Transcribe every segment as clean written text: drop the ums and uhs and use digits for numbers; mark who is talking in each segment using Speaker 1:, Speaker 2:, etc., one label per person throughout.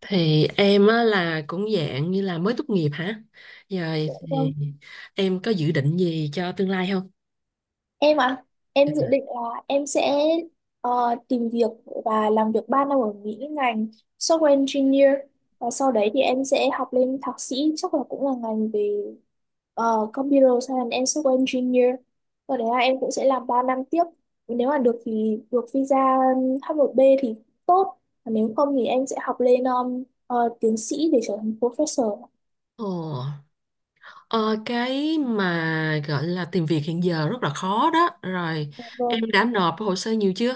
Speaker 1: Thì em á là cũng dạng như là mới tốt nghiệp hả? Rồi
Speaker 2: Dạ vâng.
Speaker 1: thì em có dự định gì cho tương lai không?
Speaker 2: Em ạ, em dự định là em sẽ tìm việc và làm việc 3 năm ở Mỹ ngành software engineer, và sau đấy thì em sẽ học lên thạc sĩ, chắc là cũng là ngành về computer science and software engineer. Sau đấy là em cũng sẽ làm 3 năm tiếp. Nếu mà được thì được visa H1B thì tốt, còn nếu không thì em sẽ học lên tiến sĩ để trở thành professor.
Speaker 1: Ồ, ờ, cái mà gọi là tìm việc hiện giờ rất là khó đó. Rồi, em
Speaker 2: Vâng.
Speaker 1: đã nộp hồ sơ nhiều chưa?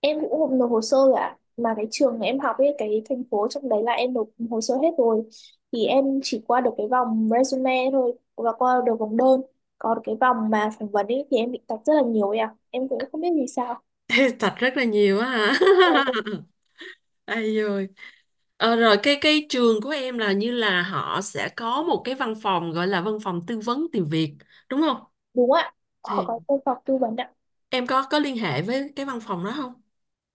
Speaker 2: Em cũng không nộp hồ sơ rồi ạ, mà cái trường em học ấy, cái thành phố trong đấy là em nộp hồ sơ hết rồi, thì em chỉ qua được cái vòng resume thôi và qua được vòng đơn. Còn cái vòng mà phỏng vấn ấy thì em bị tạch rất là nhiều ấy ạ, em cũng không biết vì sao.
Speaker 1: Thật rất là nhiều á hả?
Speaker 2: Dạ, dạ.
Speaker 1: Ai rồi? Rồi cái trường của em là như là họ sẽ có một cái văn phòng gọi là văn phòng tư vấn tìm việc, đúng không?
Speaker 2: Đúng ạ, họ
Speaker 1: Thì
Speaker 2: có công phòng tư vấn ạ.
Speaker 1: em có liên hệ với cái văn phòng đó không?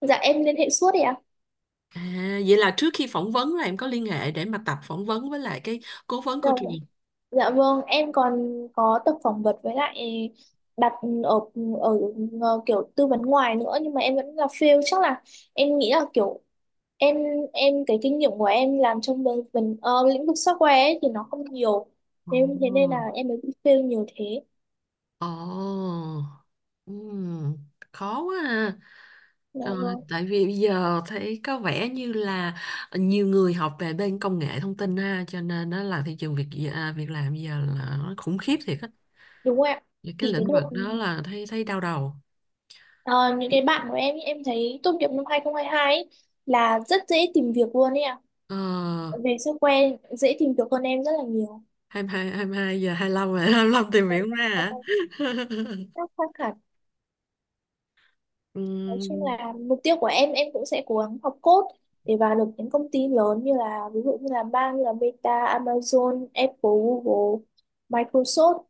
Speaker 2: Dạ em liên hệ suốt ấy ạ.
Speaker 1: À, vậy là trước khi phỏng vấn là em có liên hệ để mà tập phỏng vấn với lại cái cố vấn
Speaker 2: Dạ,
Speaker 1: của truyền.
Speaker 2: vâng. Dạ vâng, em còn có tập phỏng vấn với lại đặt ở, ở ở kiểu tư vấn ngoài nữa, nhưng mà em vẫn là fail. Chắc là em nghĩ là kiểu em em cái kinh nghiệm của em làm trong bên lĩnh vực software ấy thì nó không nhiều, nên thế nên là
Speaker 1: Ồ,
Speaker 2: em mới bị fail nhiều thế.
Speaker 1: ồ, ừm, Khó quá ha.
Speaker 2: Dạ
Speaker 1: Ờ,
Speaker 2: vâng.
Speaker 1: Tại vì bây giờ thấy có vẻ như là nhiều người học về bên công nghệ thông tin ha, cho nên nó là thị trường việc, à, việc làm bây giờ là nó khủng khiếp thiệt á.
Speaker 2: Đúng rồi ạ.
Speaker 1: Những cái
Speaker 2: Thì cái
Speaker 1: lĩnh vực
Speaker 2: đợt
Speaker 1: đó là thấy thấy đau đầu.
Speaker 2: ờ, những cái bạn của em ý, em thấy tốt nghiệp năm 2022 ấy, là rất dễ tìm việc luôn ấy ạ.
Speaker 1: Ờ,
Speaker 2: Về software dễ tìm việc hơn em rất là nhiều,
Speaker 1: Hai mươi hai hai mươi hai giờ 25 rồi, 25 tìm hiểu ra hả?
Speaker 2: các khác hẳn. Nói chung
Speaker 1: Ừm,
Speaker 2: là mục tiêu của em, cũng sẽ cố gắng học code để vào được những công ty lớn, như là ví dụ như là bang như là Meta, Amazon, Apple, Google, Microsoft.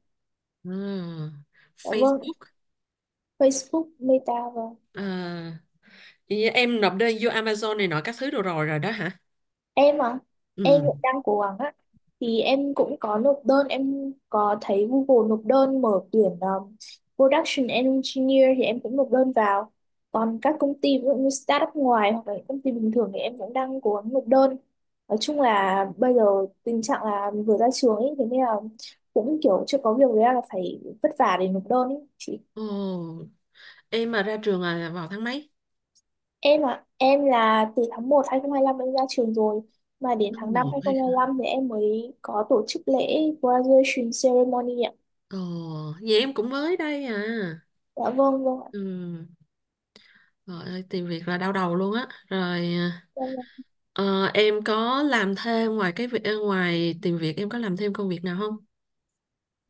Speaker 1: À,
Speaker 2: Dạ vâng,
Speaker 1: Facebook,
Speaker 2: Facebook, Meta, và
Speaker 1: à, vậy như em nộp đơn vô Amazon này nọ các thứ đồ rồi rồi đó hả?
Speaker 2: em à, em
Speaker 1: Ừ.
Speaker 2: cũng đang cố gắng á. Thì em cũng có nộp đơn, em có thấy Google nộp đơn mở tuyển Production Engineer thì em cũng nộp đơn vào. Còn các công ty ví dụ như startup ngoài, hoặc là những công ty bình thường, thì em cũng đang cố gắng nộp đơn. Nói chung là bây giờ tình trạng là vừa ra trường ấy, thế nên là cũng kiểu chưa có việc, với là phải vất vả để nộp đơn ấy. Chị.
Speaker 1: Ồ, em mà ra trường là vào tháng mấy?
Speaker 2: Em ạ, em là từ tháng 1 lăm em ra trường rồi, mà đến
Speaker 1: Tháng
Speaker 2: tháng 5
Speaker 1: một hay không?
Speaker 2: lăm thì em mới có tổ chức lễ graduation ceremony ạ.
Speaker 1: Ồ, vậy em cũng mới đây à.
Speaker 2: Dạ vâng, vâng ạ.
Speaker 1: Ừ. Trời ơi, tìm việc là đau đầu luôn á. Rồi
Speaker 2: Em là
Speaker 1: ờ, em có làm thêm ngoài cái việc, ngoài tìm việc em có làm thêm công việc nào không?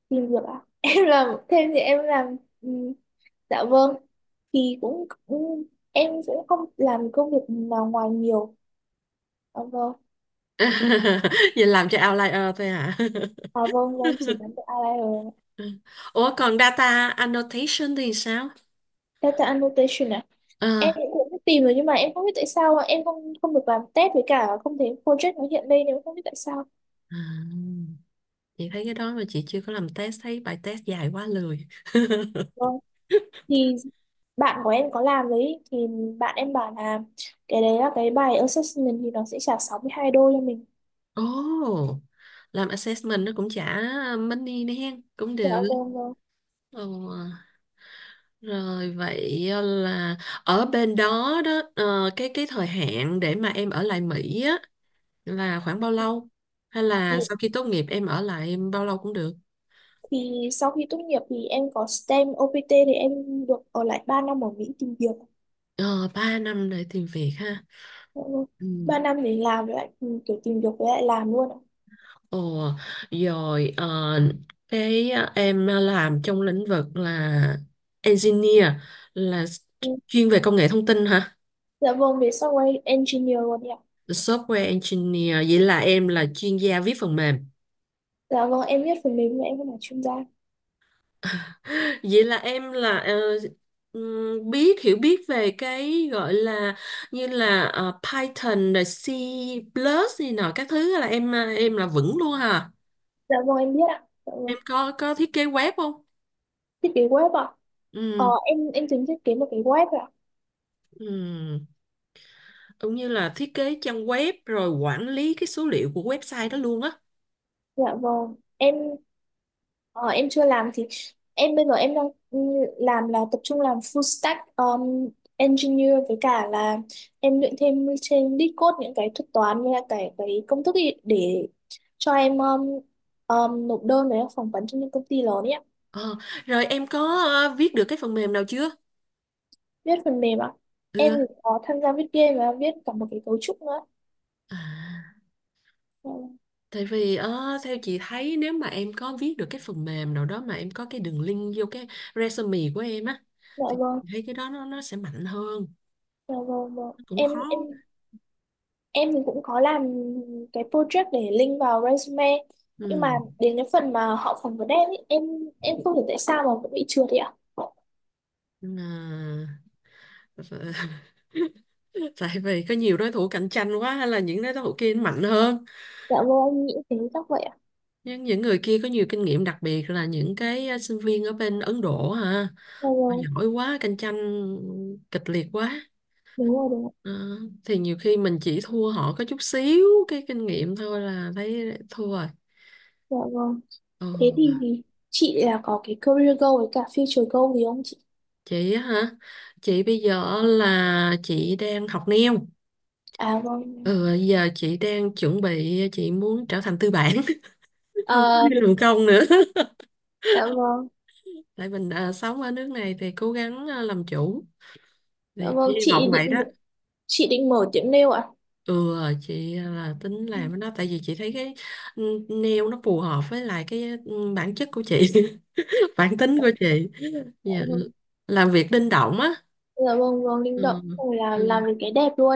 Speaker 2: tìm việc ạ. Em làm thêm thì em làm dạ vâng, thì cũng em sẽ không làm công việc nào ngoài nhiều. Dạ vâng.
Speaker 1: Vậy làm cho outlier thôi hả?
Speaker 2: À vâng vâng, chỉ làm được IR.
Speaker 1: Ủa còn data annotation thì sao?
Speaker 2: Data annotation ạ.
Speaker 1: Ờ.
Speaker 2: Em cũng tìm rồi nhưng mà em không biết tại sao ạ. Em không không được làm test, với cả không thấy project nó hiện lên, em không biết tại sao.
Speaker 1: À. Chị thấy cái đó mà chị chưa có làm test, thấy bài test dài quá lười.
Speaker 2: Vâng. Thì bạn của em có làm đấy, thì bạn em bảo là cái đấy là cái bài assessment thì nó sẽ trả 62 đô cho mình.
Speaker 1: Ồ, làm assessment nó cũng trả money nè, cũng
Speaker 2: Dạ
Speaker 1: được.
Speaker 2: vâng, vâng.
Speaker 1: Ồ, rồi vậy, là ở bên đó đó, cái thời hạn để mà em ở lại Mỹ á là khoảng bao lâu? Hay
Speaker 2: thì,
Speaker 1: là sau khi tốt nghiệp em ở lại bao lâu cũng được?
Speaker 2: thì sau khi tốt nghiệp thì em có STEM OPT, thì em được ở lại 3 năm ở Mỹ tìm việc.
Speaker 1: Ờ, 3 năm để tìm việc ha.
Speaker 2: Dạ vâng.
Speaker 1: Ừ.
Speaker 2: 3 năm để làm với lại kiểu tìm việc với lại làm luôn ạ.
Speaker 1: Ồ, rồi cái, em làm trong lĩnh vực là engineer là
Speaker 2: Ừ.
Speaker 1: chuyên về công nghệ thông tin hả?
Speaker 2: Dạ vâng, về software engineer luôn ạ.
Speaker 1: Software engineer vậy là em là chuyên gia viết phần mềm.
Speaker 2: Dạ vâng, em biết phần mềm nhưng em không phải chuyên gia.
Speaker 1: Vậy là em là, biết hiểu biết về cái gọi là như là, Python rồi C plus này nọ các thứ là em, à, em là vững luôn hả?
Speaker 2: Dạ vâng em biết ạ. Dạ vâng,
Speaker 1: Em có thiết kế web không?
Speaker 2: thiết kế web ạ. Ờ
Speaker 1: Ừ.
Speaker 2: em em tính thiết kế một cái web ạ.
Speaker 1: Ừ. Cũng như là thiết kế trang web rồi quản lý cái số liệu của website đó luôn á.
Speaker 2: Dạ vâng em, Ờ, em chưa làm thì em bây giờ em đang ừ, làm, là tập trung làm full stack engineer, với cả là em luyện thêm trên Discord những cái thuật toán với cả cái công thức ý, để cho em nộp đơn với phỏng vấn cho những công ty lớn ấy ạ.
Speaker 1: ờ, Rồi em có viết được cái phần mềm nào chưa?
Speaker 2: Viết phần mềm ạ. Em thì
Speaker 1: Ừ.
Speaker 2: có tham gia viết game và viết cả một cái cấu trúc nữa.
Speaker 1: À,
Speaker 2: Ờ,
Speaker 1: tại vì theo chị thấy nếu mà em có viết được cái phần mềm nào đó mà em có cái đường link vô cái resume của em á,
Speaker 2: Dạ
Speaker 1: thì
Speaker 2: vâng,
Speaker 1: chị thấy cái đó nó sẽ mạnh hơn.
Speaker 2: dạ vâng, vâng.
Speaker 1: Nó cũng
Speaker 2: Em em
Speaker 1: khó.
Speaker 2: em thì cũng có làm cái project để link vào resume, nhưng mà
Speaker 1: Ừ.
Speaker 2: đến cái phần mà họ phỏng vấn em ý, em không hiểu tại sao mà vẫn bị trượt vậy ạ.
Speaker 1: Nhưng mà tại vì có nhiều đối thủ cạnh tranh quá, hay là những đối thủ kia mạnh hơn.
Speaker 2: Dạ vâng, em nghĩ thế, chắc vậy ạ.
Speaker 1: Nhưng những người kia có nhiều kinh nghiệm, đặc biệt là những cái, sinh viên ở bên Ấn Độ hả?
Speaker 2: Dạ
Speaker 1: Họ
Speaker 2: vâng,
Speaker 1: giỏi quá, cạnh tranh kịch liệt quá.
Speaker 2: đúng rồi đúng rồi.
Speaker 1: Ờ, thì nhiều khi mình chỉ thua họ có chút xíu cái kinh nghiệm thôi là thấy thua rồi.
Speaker 2: Dạ vâng.
Speaker 1: Ờ,
Speaker 2: Thế thì chị là có cái career goal với cả future goal gì không chị?
Speaker 1: chị á hả? Chị bây giờ là chị đang học neo.
Speaker 2: À vâng.
Speaker 1: Ừ, giờ chị đang chuẩn bị, chị muốn trở thành tư bản, không có đi
Speaker 2: À,
Speaker 1: làm công nữa.
Speaker 2: dạ vâng.
Speaker 1: Tại mình, sống ở nước này thì cố gắng, làm chủ.
Speaker 2: Dạ
Speaker 1: Thì hy
Speaker 2: vâng, chị
Speaker 1: vọng vậy
Speaker 2: định
Speaker 1: đó.
Speaker 2: chị định mở tiệm nail ạ?
Speaker 1: Ừ, chị, à, là tính làm
Speaker 2: Dạ
Speaker 1: cái đó tại vì chị thấy cái, ừ, nail nó phù hợp với lại cái, bản chất của chị, bản tính của chị. Dạ,
Speaker 2: vâng.
Speaker 1: làm việc linh động á.
Speaker 2: Dạ vâng, vâng, linh
Speaker 1: Ừ.
Speaker 2: động. Rồi là
Speaker 1: Ừ.
Speaker 2: làm được cái đẹp luôn.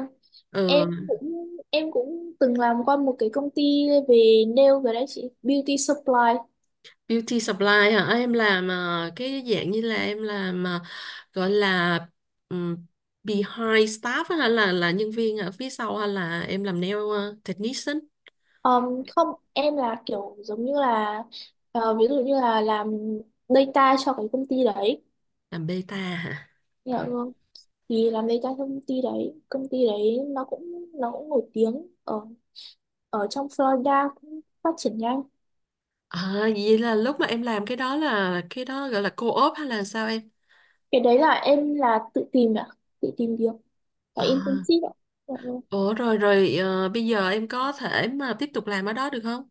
Speaker 1: Ừ.
Speaker 2: Em cũng từng làm qua một cái công ty về nail rồi đấy chị, beauty supply.
Speaker 1: Beauty supply hả, em làm, cái dạng như là em làm, gọi là, ừm, behind staff á, hay là nhân viên ở phía sau, hay là em làm nail, technician,
Speaker 2: Không, em là kiểu giống như là, ví dụ như là làm data cho cái công ty đấy,
Speaker 1: làm beta hả?
Speaker 2: hiểu không? Thì làm data cho công ty đấy, công ty đấy nó cũng nổi tiếng ở ở trong Florida, cũng phát triển nhanh.
Speaker 1: À, vậy là lúc mà em làm cái đó là cái đó gọi là co-op hay là sao em?
Speaker 2: Cái đấy là em là tự tìm ạ, tự tìm việc, là
Speaker 1: À,
Speaker 2: internship ạ. Dạ vâng.
Speaker 1: ủa rồi rồi bây giờ em có thể mà tiếp tục làm ở đó được không?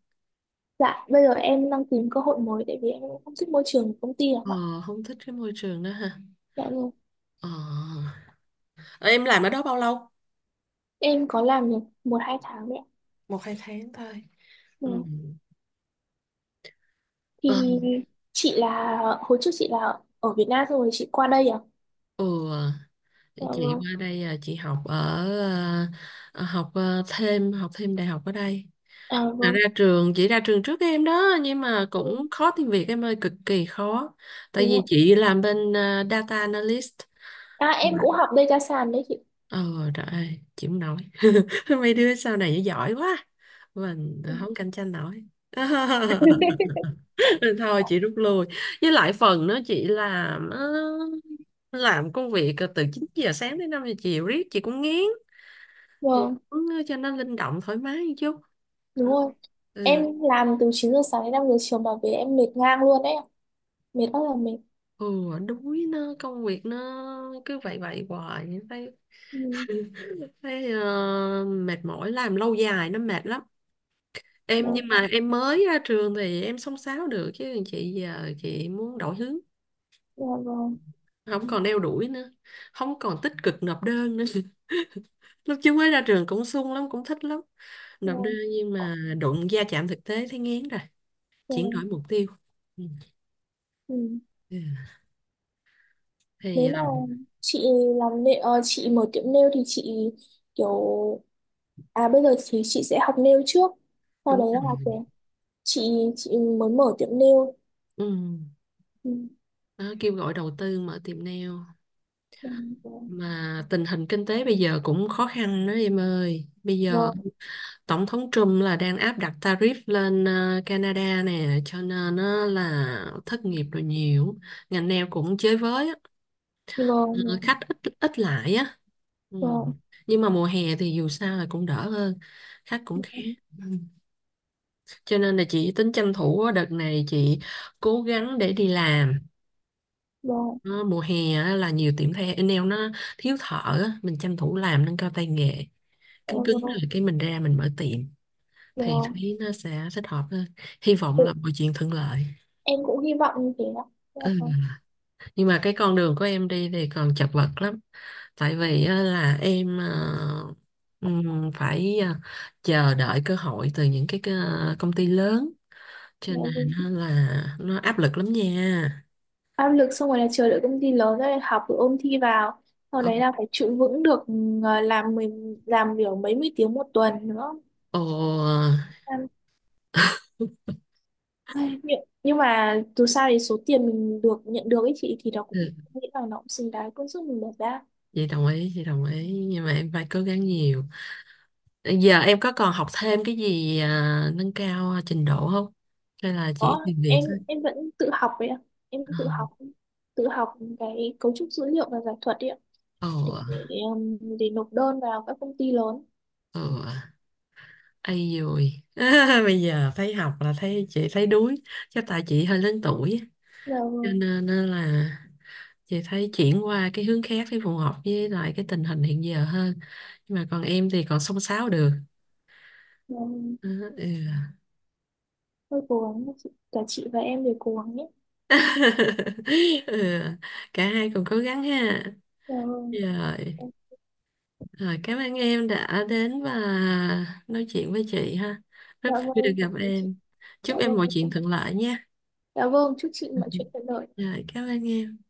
Speaker 2: Dạ, bây giờ em đang tìm cơ hội mới, tại vì em cũng không thích môi trường của công ty lắm
Speaker 1: Ờ,
Speaker 2: ạ.
Speaker 1: không thích cái môi trường đó ha.
Speaker 2: Dạ vâng.
Speaker 1: Ờ, ờ, em làm ở đó bao lâu?
Speaker 2: Em có làm được 1-2 tháng đấy ạ.
Speaker 1: Một hai tháng thôi.
Speaker 2: Ừ.
Speaker 1: Ừ. Ờ,
Speaker 2: Thì chị là hồi trước chị là ở Việt Nam xong rồi chị qua đây à?
Speaker 1: ừ, để
Speaker 2: Dạ
Speaker 1: chị
Speaker 2: vâng.
Speaker 1: qua đây, chị học ở, ờ, học, ờ, thêm học thêm đại học ở đây.
Speaker 2: À
Speaker 1: Là
Speaker 2: vâng.
Speaker 1: ra trường, chị ra trường trước em đó, nhưng mà
Speaker 2: Ừ,
Speaker 1: cũng khó tìm việc em ơi, cực kỳ khó. Tại
Speaker 2: đúng
Speaker 1: vì
Speaker 2: rồi.
Speaker 1: chị làm bên, data analyst.
Speaker 2: À,
Speaker 1: Ừ.
Speaker 2: em cũng học data science đấy chị.
Speaker 1: Ờ, trời ơi, chịu không nổi. Mấy đứa sau này giỏi quá. Mình
Speaker 2: Ừ.
Speaker 1: không cạnh tranh nổi. Nên thôi chị rút lui. Với lại phần nó chị làm, làm công việc từ 9 giờ sáng đến 5 giờ chiều riết chị cũng ngán. Chị
Speaker 2: Vâng,
Speaker 1: muốn cho nó linh động thoải mái một chút.
Speaker 2: đúng
Speaker 1: Ờ,
Speaker 2: rồi.
Speaker 1: Ừ,
Speaker 2: Em làm từ 9 giờ sáng đến 5 giờ chiều mà về em mệt ngang luôn đấy ạ. Mệt, rất là mệt.
Speaker 1: ừ đuối, nó công việc nó cứ vậy vậy hoài thấy,
Speaker 2: Ừ.
Speaker 1: thấy, mệt mỏi, làm lâu dài nó mệt lắm
Speaker 2: Dạ
Speaker 1: em, nhưng mà
Speaker 2: vâng.
Speaker 1: em mới ra trường thì em xông xáo được, chứ chị giờ chị muốn đổi hướng,
Speaker 2: Dạ vâng.
Speaker 1: không
Speaker 2: Ừ.
Speaker 1: còn đeo đuổi nữa, không còn tích cực nộp đơn nữa. Lúc trước mới ra trường cũng sung lắm, cũng thích lắm
Speaker 2: Dạ
Speaker 1: nộp đơn,
Speaker 2: vâng.
Speaker 1: nhưng mà đụng va chạm thực tế thấy ngán rồi,
Speaker 2: Dạ
Speaker 1: chuyển
Speaker 2: vâng.
Speaker 1: đổi mục tiêu. Ừ.
Speaker 2: Ừ.
Speaker 1: Ừ.
Speaker 2: Nếu
Speaker 1: Thì
Speaker 2: mà
Speaker 1: làm.
Speaker 2: chị làm nail, chị mở tiệm nail thì chị kiểu, à bây giờ thì chị sẽ học nail trước. Sau
Speaker 1: Đúng
Speaker 2: đấy là
Speaker 1: rồi.
Speaker 2: kiểu chị muốn mở tiệm nail.
Speaker 1: Ừ.
Speaker 2: Ừ,
Speaker 1: Đó, kêu gọi đầu tư mở tiệm nail,
Speaker 2: vâng
Speaker 1: mà tình hình kinh tế bây giờ cũng khó khăn đó em ơi, bây giờ
Speaker 2: vâng
Speaker 1: Tổng thống Trump là đang áp đặt tarif lên, Canada nè, cho nên, là thất nghiệp rồi nhiều. Ngành nail cũng chới với á. Ờ,
Speaker 2: vâng
Speaker 1: khách ít ít lại á. Ừ.
Speaker 2: vâng
Speaker 1: Nhưng mà mùa hè thì dù sao là cũng đỡ hơn, khách cũng khá. Ừ. Cho nên là chị tính tranh thủ á, đợt này chị cố gắng để đi làm.
Speaker 2: vâng
Speaker 1: Ờ, mùa hè á, là nhiều tiệm thay nail nó thiếu thợ á, mình tranh thủ làm nâng cao tay nghề. Cứng
Speaker 2: vâng
Speaker 1: cứng
Speaker 2: vâng,
Speaker 1: rồi cái mình ra mình mở tiệm. Thì
Speaker 2: vâng.
Speaker 1: Thúy nó sẽ thích hợp hơn, hy vọng
Speaker 2: Ừ,
Speaker 1: là mọi chuyện thuận lợi.
Speaker 2: em cũng hy vọng như thế đó. Dạ
Speaker 1: Ừ.
Speaker 2: vâng,
Speaker 1: Nhưng mà cái con đường của em đi thì còn chật vật lắm, tại vì á, là em, phải, chờ đợi cơ hội từ những cái công ty lớn, cho
Speaker 2: dạ vâng.
Speaker 1: nên á là nó áp lực lắm nha.
Speaker 2: Áp lực xong rồi là chờ đợi công ty lớn, rồi học rồi ôn thi vào. Sau
Speaker 1: Ồ,
Speaker 2: đấy là phải trụ vững được, làm mình làm kiểu mấy mươi tiếng một tuần nữa.
Speaker 1: ồ,
Speaker 2: Em- Ai, nhưng mà dù sao thì số tiền mình được nhận được ấy chị, thì nó cũng,
Speaker 1: ừ,
Speaker 2: nghĩ là nó cũng xứng đáng công sức mình bỏ ra.
Speaker 1: Chị đồng ý, chị đồng ý. Nhưng mà em phải cố gắng nhiều. Giờ em có còn học thêm cái gì, à, nâng cao trình độ không? Hay là
Speaker 2: Ủa,
Speaker 1: chỉ tìm việc
Speaker 2: em
Speaker 1: thôi?
Speaker 2: em vẫn tự học đấy ạ. Em
Speaker 1: Ờ.
Speaker 2: tự học, tự học cái cấu trúc dữ liệu và giải thuật đấy ạ,
Speaker 1: ồ
Speaker 2: để, để nộp đơn vào các công ty lớn.
Speaker 1: ồ Ai rồi. Bây giờ thấy học là thấy chị thấy đuối, chắc tại chị hơi lớn tuổi á,
Speaker 2: Giờ
Speaker 1: cho nên á là chị thấy chuyển qua cái hướng khác để phù hợp với lại cái tình hình hiện giờ hơn, nhưng mà còn em thì còn xông xáo được.
Speaker 2: giờ
Speaker 1: Ờ, ừ.
Speaker 2: tôi cố gắng, cả chị và em đều cố gắng nhé.
Speaker 1: Ừ. Cả hai cùng cố gắng ha.
Speaker 2: Giờ,
Speaker 1: Rồi rồi cảm ơn em đã đến và nói chuyện với chị ha, rất
Speaker 2: dạ
Speaker 1: vui được
Speaker 2: vâng, cảm
Speaker 1: gặp
Speaker 2: ơn chị.
Speaker 1: em,
Speaker 2: Dạ
Speaker 1: chúc em
Speaker 2: vâng,
Speaker 1: mọi chuyện thuận lợi nha.
Speaker 2: dạ vâng, chúc chị mọi chuyện thuận lợi.
Speaker 1: Rồi, cảm ơn em.